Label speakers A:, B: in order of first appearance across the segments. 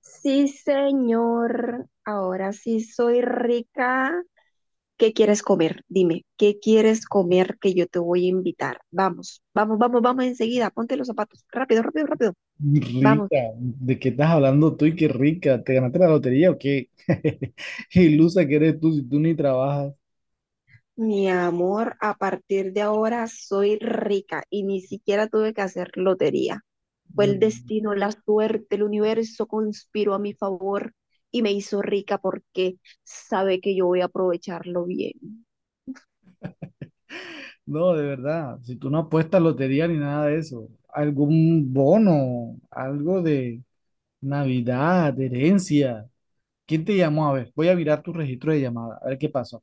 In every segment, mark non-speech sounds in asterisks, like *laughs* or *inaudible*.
A: Sí, señor. Ahora sí soy rica. ¿Qué quieres comer? Dime, ¿qué quieres comer que yo te voy a invitar? Vamos, vamos, vamos, vamos enseguida. Ponte los zapatos. Rápido, rápido, rápido. Vamos.
B: Rica, ¿de qué estás hablando tú y qué rica? ¿Te ganaste la lotería o qué? *laughs* Ilusa que eres tú si tú ni trabajas.
A: Mi amor, a partir de ahora soy rica y ni siquiera tuve que hacer lotería. Fue el
B: Mm.
A: destino, la suerte, el universo conspiró a mi favor y me hizo rica porque sabe que yo voy a aprovecharlo bien.
B: No, de verdad, si tú no apuestas lotería ni nada de eso, algún bono, algo de Navidad, de herencia. ¿Quién te llamó? A ver, voy a mirar tu registro de llamada, a ver qué pasó.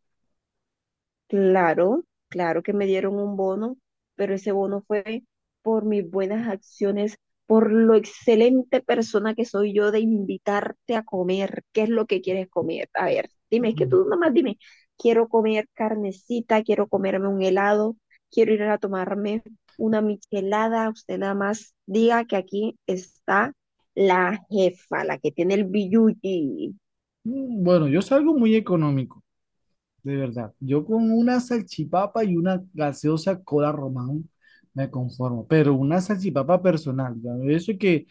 A: Claro, claro que me dieron un bono, pero ese bono fue por mis buenas acciones, por lo excelente persona que soy yo de invitarte a comer. ¿Qué es lo que quieres comer? A ver, dime, es que
B: Mm,
A: tú nomás dime, quiero comer carnecita, quiero comerme un helado, quiero ir a tomarme una michelada. Usted nada más diga que aquí está la jefa, la que tiene el billuyi.
B: Bueno, yo salgo muy económico, de verdad. Yo con una salchipapa y una gaseosa cola Román me conformo, pero una salchipapa personal, ya, Eso que,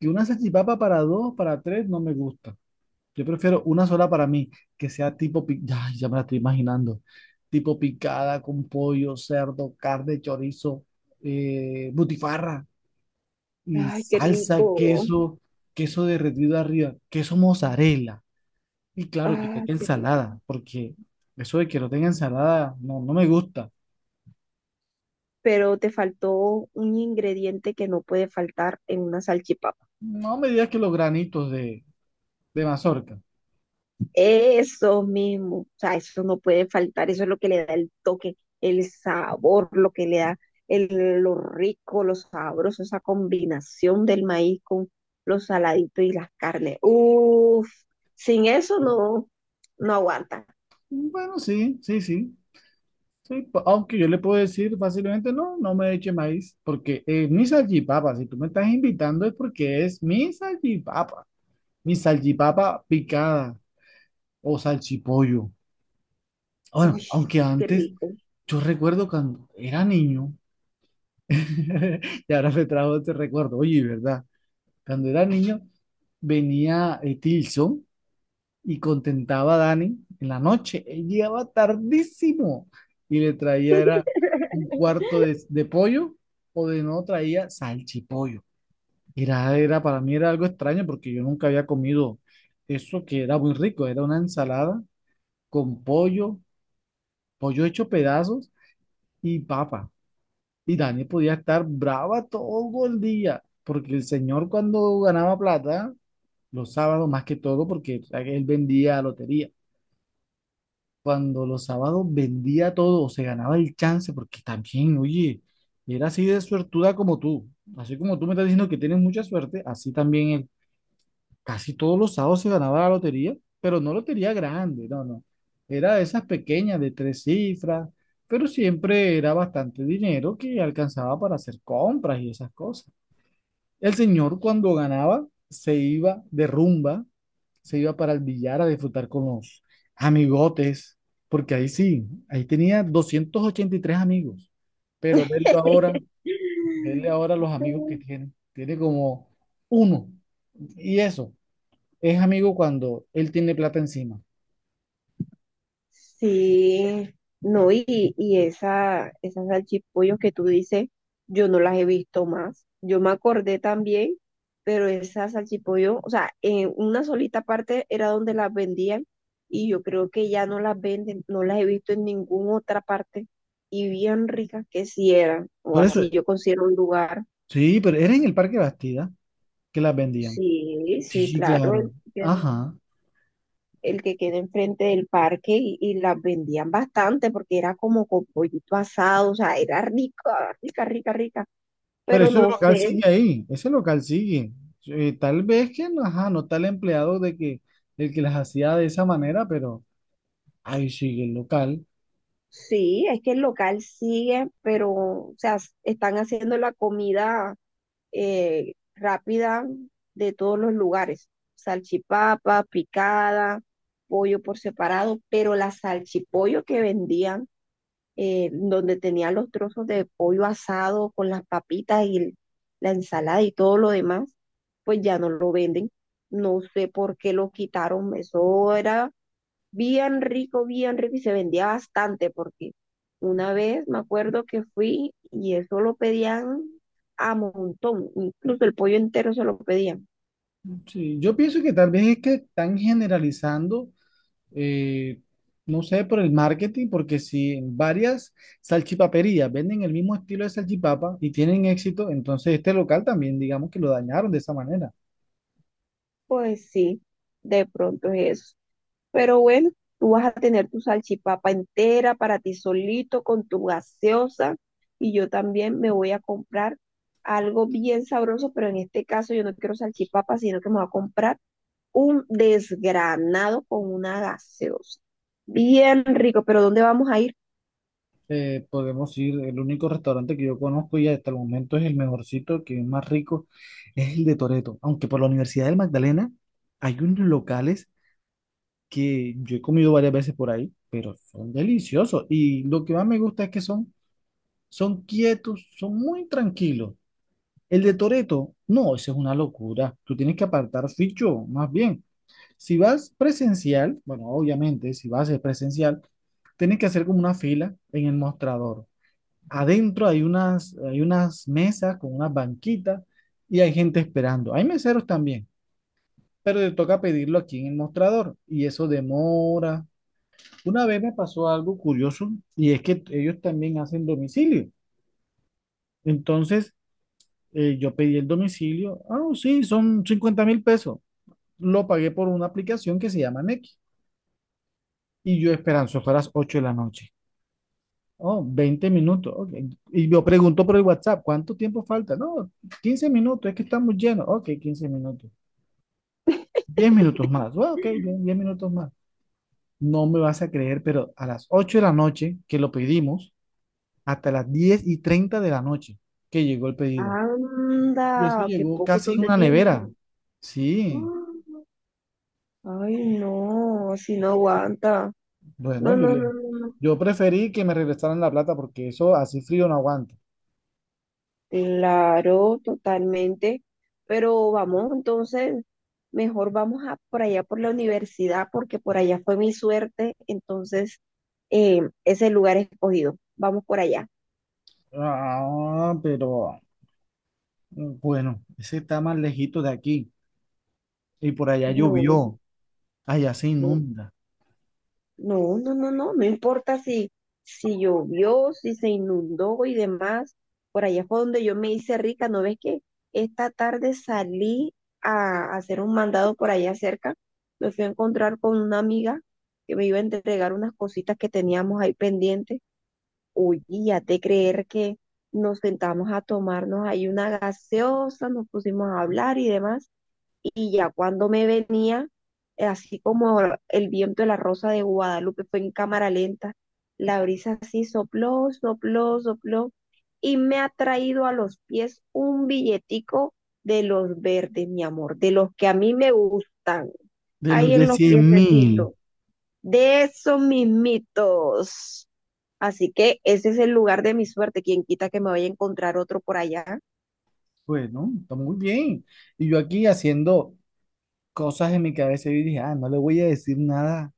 B: que una salchipapa para dos, para tres, no me gusta. Yo prefiero una sola para mí, que sea tipo, ay, ya me la estoy imaginando, tipo picada con pollo, cerdo, carne, chorizo, butifarra y
A: Ay, qué
B: salsa,
A: rico.
B: queso, queso derretido arriba, queso mozzarella. Y claro, que tenga
A: Ay, qué rico.
B: ensalada, porque eso de que no tenga ensalada no, no me gusta.
A: Pero te faltó un ingrediente que no puede faltar en una salchipapa.
B: No me digas que los granitos de mazorca.
A: Eso mismo, o sea, eso no puede faltar, eso es lo que le da el toque, el sabor, lo que le da el, lo rico, lo sabroso, esa combinación del maíz con los saladitos y las carnes. Uf, sin eso no, no aguanta.
B: Bueno, sí, sí, sí, sí. Aunque yo le puedo decir fácilmente, no, no me eche maíz, porque es mi salchipapa. Si tú me estás invitando es porque es mi salchipapa. Mi salchipapa picada o salchipollo.
A: Uy,
B: Bueno, aunque
A: qué
B: antes
A: rico.
B: yo recuerdo cuando era niño, *laughs* y ahora me trajo este recuerdo. Oye, ¿verdad? Cuando era niño, venía Tilson y contentaba a Dani en la noche. Él llegaba tardísimo y le traía era un cuarto de pollo o de no traía salchipollo. Para mí era algo extraño porque yo nunca había comido eso que era muy rico. Era una ensalada con pollo, pollo hecho pedazos y papa. Y Dani podía estar brava todo el día porque el señor cuando ganaba plata. Los sábados más que todo, porque o sea, que él vendía lotería. Cuando los sábados vendía todo, se ganaba el chance porque también, oye, era así de suertuda como tú. Así como tú me estás diciendo que tienes mucha suerte, así también él. Casi todos los sábados se ganaba la lotería, pero no lotería grande, no, no. Era de esas pequeñas de tres cifras, pero siempre era bastante dinero que alcanzaba para hacer compras y esas cosas. El señor cuando ganaba se iba de rumba, se iba para el billar a disfrutar con los amigotes, porque ahí sí, ahí tenía 283 amigos, pero verlo ahora, verle ahora los amigos que
A: *laughs*
B: tiene, tiene como uno, y eso, es amigo cuando él tiene plata encima.
A: Sí, no, y esa, esas salchipollos que tú dices, yo no las he visto más. Yo me acordé también, pero esas salchipollos, o sea, en una solita parte era donde las vendían y yo creo que ya no las venden, no las he visto en ninguna otra parte y bien ricas que sí eran, o
B: Por eso,
A: así yo considero un lugar.
B: sí, pero era en el Parque Bastida que las vendían.
A: Sí, sí,
B: Sí, claro.
A: claro,
B: Ajá.
A: el que queda enfrente del parque y las vendían bastante porque era como con pollito asado, o sea, era rica, rica, rica, rica.
B: Pero
A: Pero
B: ese
A: no
B: local
A: sé,
B: sigue ahí, ese local sigue. Tal vez que no, ajá, no está el empleado de que, el que las hacía de esa manera, pero ahí sigue el local.
A: sí, es que el local sigue, pero, o sea, están haciendo la comida rápida de todos los lugares. Salchipapa, picada, pollo por separado, pero la salchipollo que vendían donde tenía los trozos de pollo asado con las papitas y la ensalada y todo lo demás, pues ya no lo venden. No sé por qué lo quitaron. Eso era bien rico y se vendía bastante porque una vez me acuerdo que fui y eso lo pedían a montón, incluso el pollo entero se lo pedían.
B: Sí, yo pienso que tal vez es que están generalizando, eh, no sé, por el marketing, porque si en varias salchipaperías venden el mismo estilo de salchipapa y tienen éxito, entonces este local también, digamos que lo dañaron de esa manera.
A: Pues sí, de pronto es eso. Pero bueno, tú vas a tener tu salchipapa entera para ti solito, con tu gaseosa, y yo también me voy a comprar algo bien sabroso, pero en este caso yo no quiero salchipapa, sino que me voy a comprar un desgranado con una gaseosa. Bien rico, pero ¿dónde vamos a ir?
B: Podemos ir, el único restaurante que yo conozco y hasta el momento es el mejorcito, que es más rico, es el de Toreto. Aunque por la Universidad del Magdalena hay unos locales que yo he comido varias veces por ahí, son deliciosos. Y lo que más me gusta es que son quietos, son muy tranquilos. El de Toreto, no, eso es una locura. Tú tienes que apartar ficho, más bien. Si vas presencial, bueno, obviamente, si vas a ser presencial, tienes que hacer como una fila en el mostrador. Adentro hay unas mesas con unas banquitas y hay gente esperando. Hay meseros también, pero te toca pedirlo aquí en el mostrador y eso demora. Una vez me pasó algo curioso y es que ellos también hacen domicilio. Entonces yo pedí el domicilio. Ah, oh, sí, son $50.000. Lo pagué por una aplicación que se llama Nequi y yo esperando, eso fue a las 8 de la noche. Oh, 20 minutos. Ok. Y yo pregunto por el WhatsApp, ¿cuánto tiempo falta? No, 15 minutos, es que estamos llenos. Ok, 15 minutos. 10 minutos más. Bueno, ok, bien, 10 minutos más. No me vas a creer, pero a las 8 de la noche que lo pedimos, hasta las 10:30 de la noche que llegó el pedido. Y eso
A: Anda, qué
B: llegó
A: poco
B: casi
A: ton
B: en
A: de
B: una
A: tiempo.
B: nevera. Sí,
A: Mm, ay, no, si no aguanta.
B: bueno,
A: No, no, no,
B: Lule,
A: no, no.
B: yo preferí que me regresaran la plata porque eso así frío no aguanta.
A: Claro, totalmente. Pero vamos, entonces, mejor vamos a por allá por la universidad, porque por allá fue mi suerte. Entonces, es lugar escogido. Vamos por allá.
B: Ah, pero bueno, ese está más lejito de aquí. Y por allá
A: No,
B: llovió, allá se
A: no.
B: inunda,
A: No, no, no, no, no importa si, si llovió, si se inundó y demás. Por allá fue donde yo me hice rica, ¿no ves que esta tarde salí a hacer un mandado por allá cerca? Me fui a encontrar con una amiga que me iba a entregar unas cositas que teníamos ahí pendientes. Oye, ya te creer que nos sentamos a tomarnos ahí una gaseosa, nos pusimos a hablar y demás y ya cuando me venía, así como el viento de la Rosa de Guadalupe fue en cámara lenta, la brisa así sopló, sopló, sopló y me ha traído a los pies un billetico de los verdes, mi amor, de los que a mí me gustan,
B: de
A: ahí
B: los
A: en
B: de
A: los
B: 100.000.
A: piececitos, de esos mismitos. Así que ese es el lugar de mi suerte. Quien quita que me vaya a encontrar otro por allá.
B: Bueno, está muy bien. Y yo aquí haciendo cosas en mi cabeza y dije, ah, no le voy a decir nada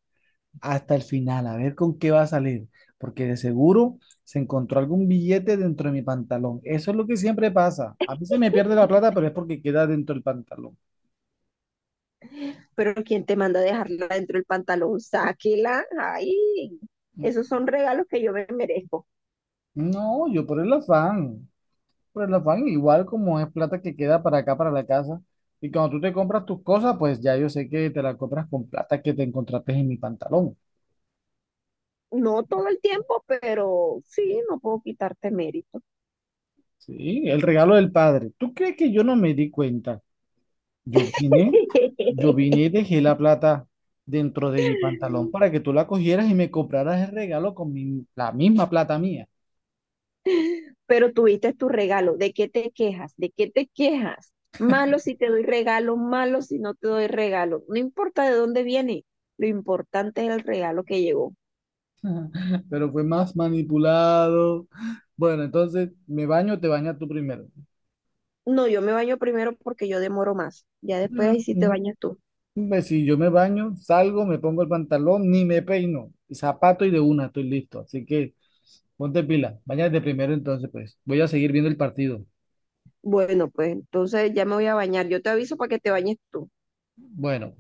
B: hasta el final, a ver con qué va a salir, porque de seguro se encontró algún billete dentro de mi pantalón. Eso es lo que siempre pasa. A mí se me pierde la plata, pero es porque queda dentro del pantalón.
A: Pero ¿quién te manda a dejarla dentro del pantalón? Sáquela. Ay, esos son regalos que yo me merezco.
B: No, yo por el afán. Por el afán, igual como es plata que queda para acá, para la casa. Y cuando tú te compras tus cosas, pues ya yo sé que te la compras con plata que te encontraste en mi pantalón.
A: No todo el tiempo, pero sí, no puedo quitarte mérito.
B: Sí, el regalo del padre. ¿Tú crees que yo no me di cuenta? Yo vine, yo vine
A: *laughs*
B: y dejé la plata dentro de mi pantalón para que tú la cogieras y me compraras el regalo con la misma plata mía.
A: Pero tuviste tu regalo. ¿De qué te quejas? ¿De qué te quejas? Malo si te doy regalo, malo si no te doy regalo. No importa de dónde viene, lo importante es el regalo que llegó.
B: *laughs* Pero fue más manipulado. Bueno, entonces me baño, te bañas tú primero.
A: No, yo me baño primero porque yo demoro más. Ya después ahí sí te bañas tú.
B: Pues, si yo me baño, salgo, me pongo el pantalón, ni me peino, zapato y de una estoy listo. Así que ponte pila, bañate primero entonces, pues. Voy a seguir viendo el partido.
A: Bueno, pues entonces ya me voy a bañar. Yo te aviso para que te bañes tú.
B: Bueno,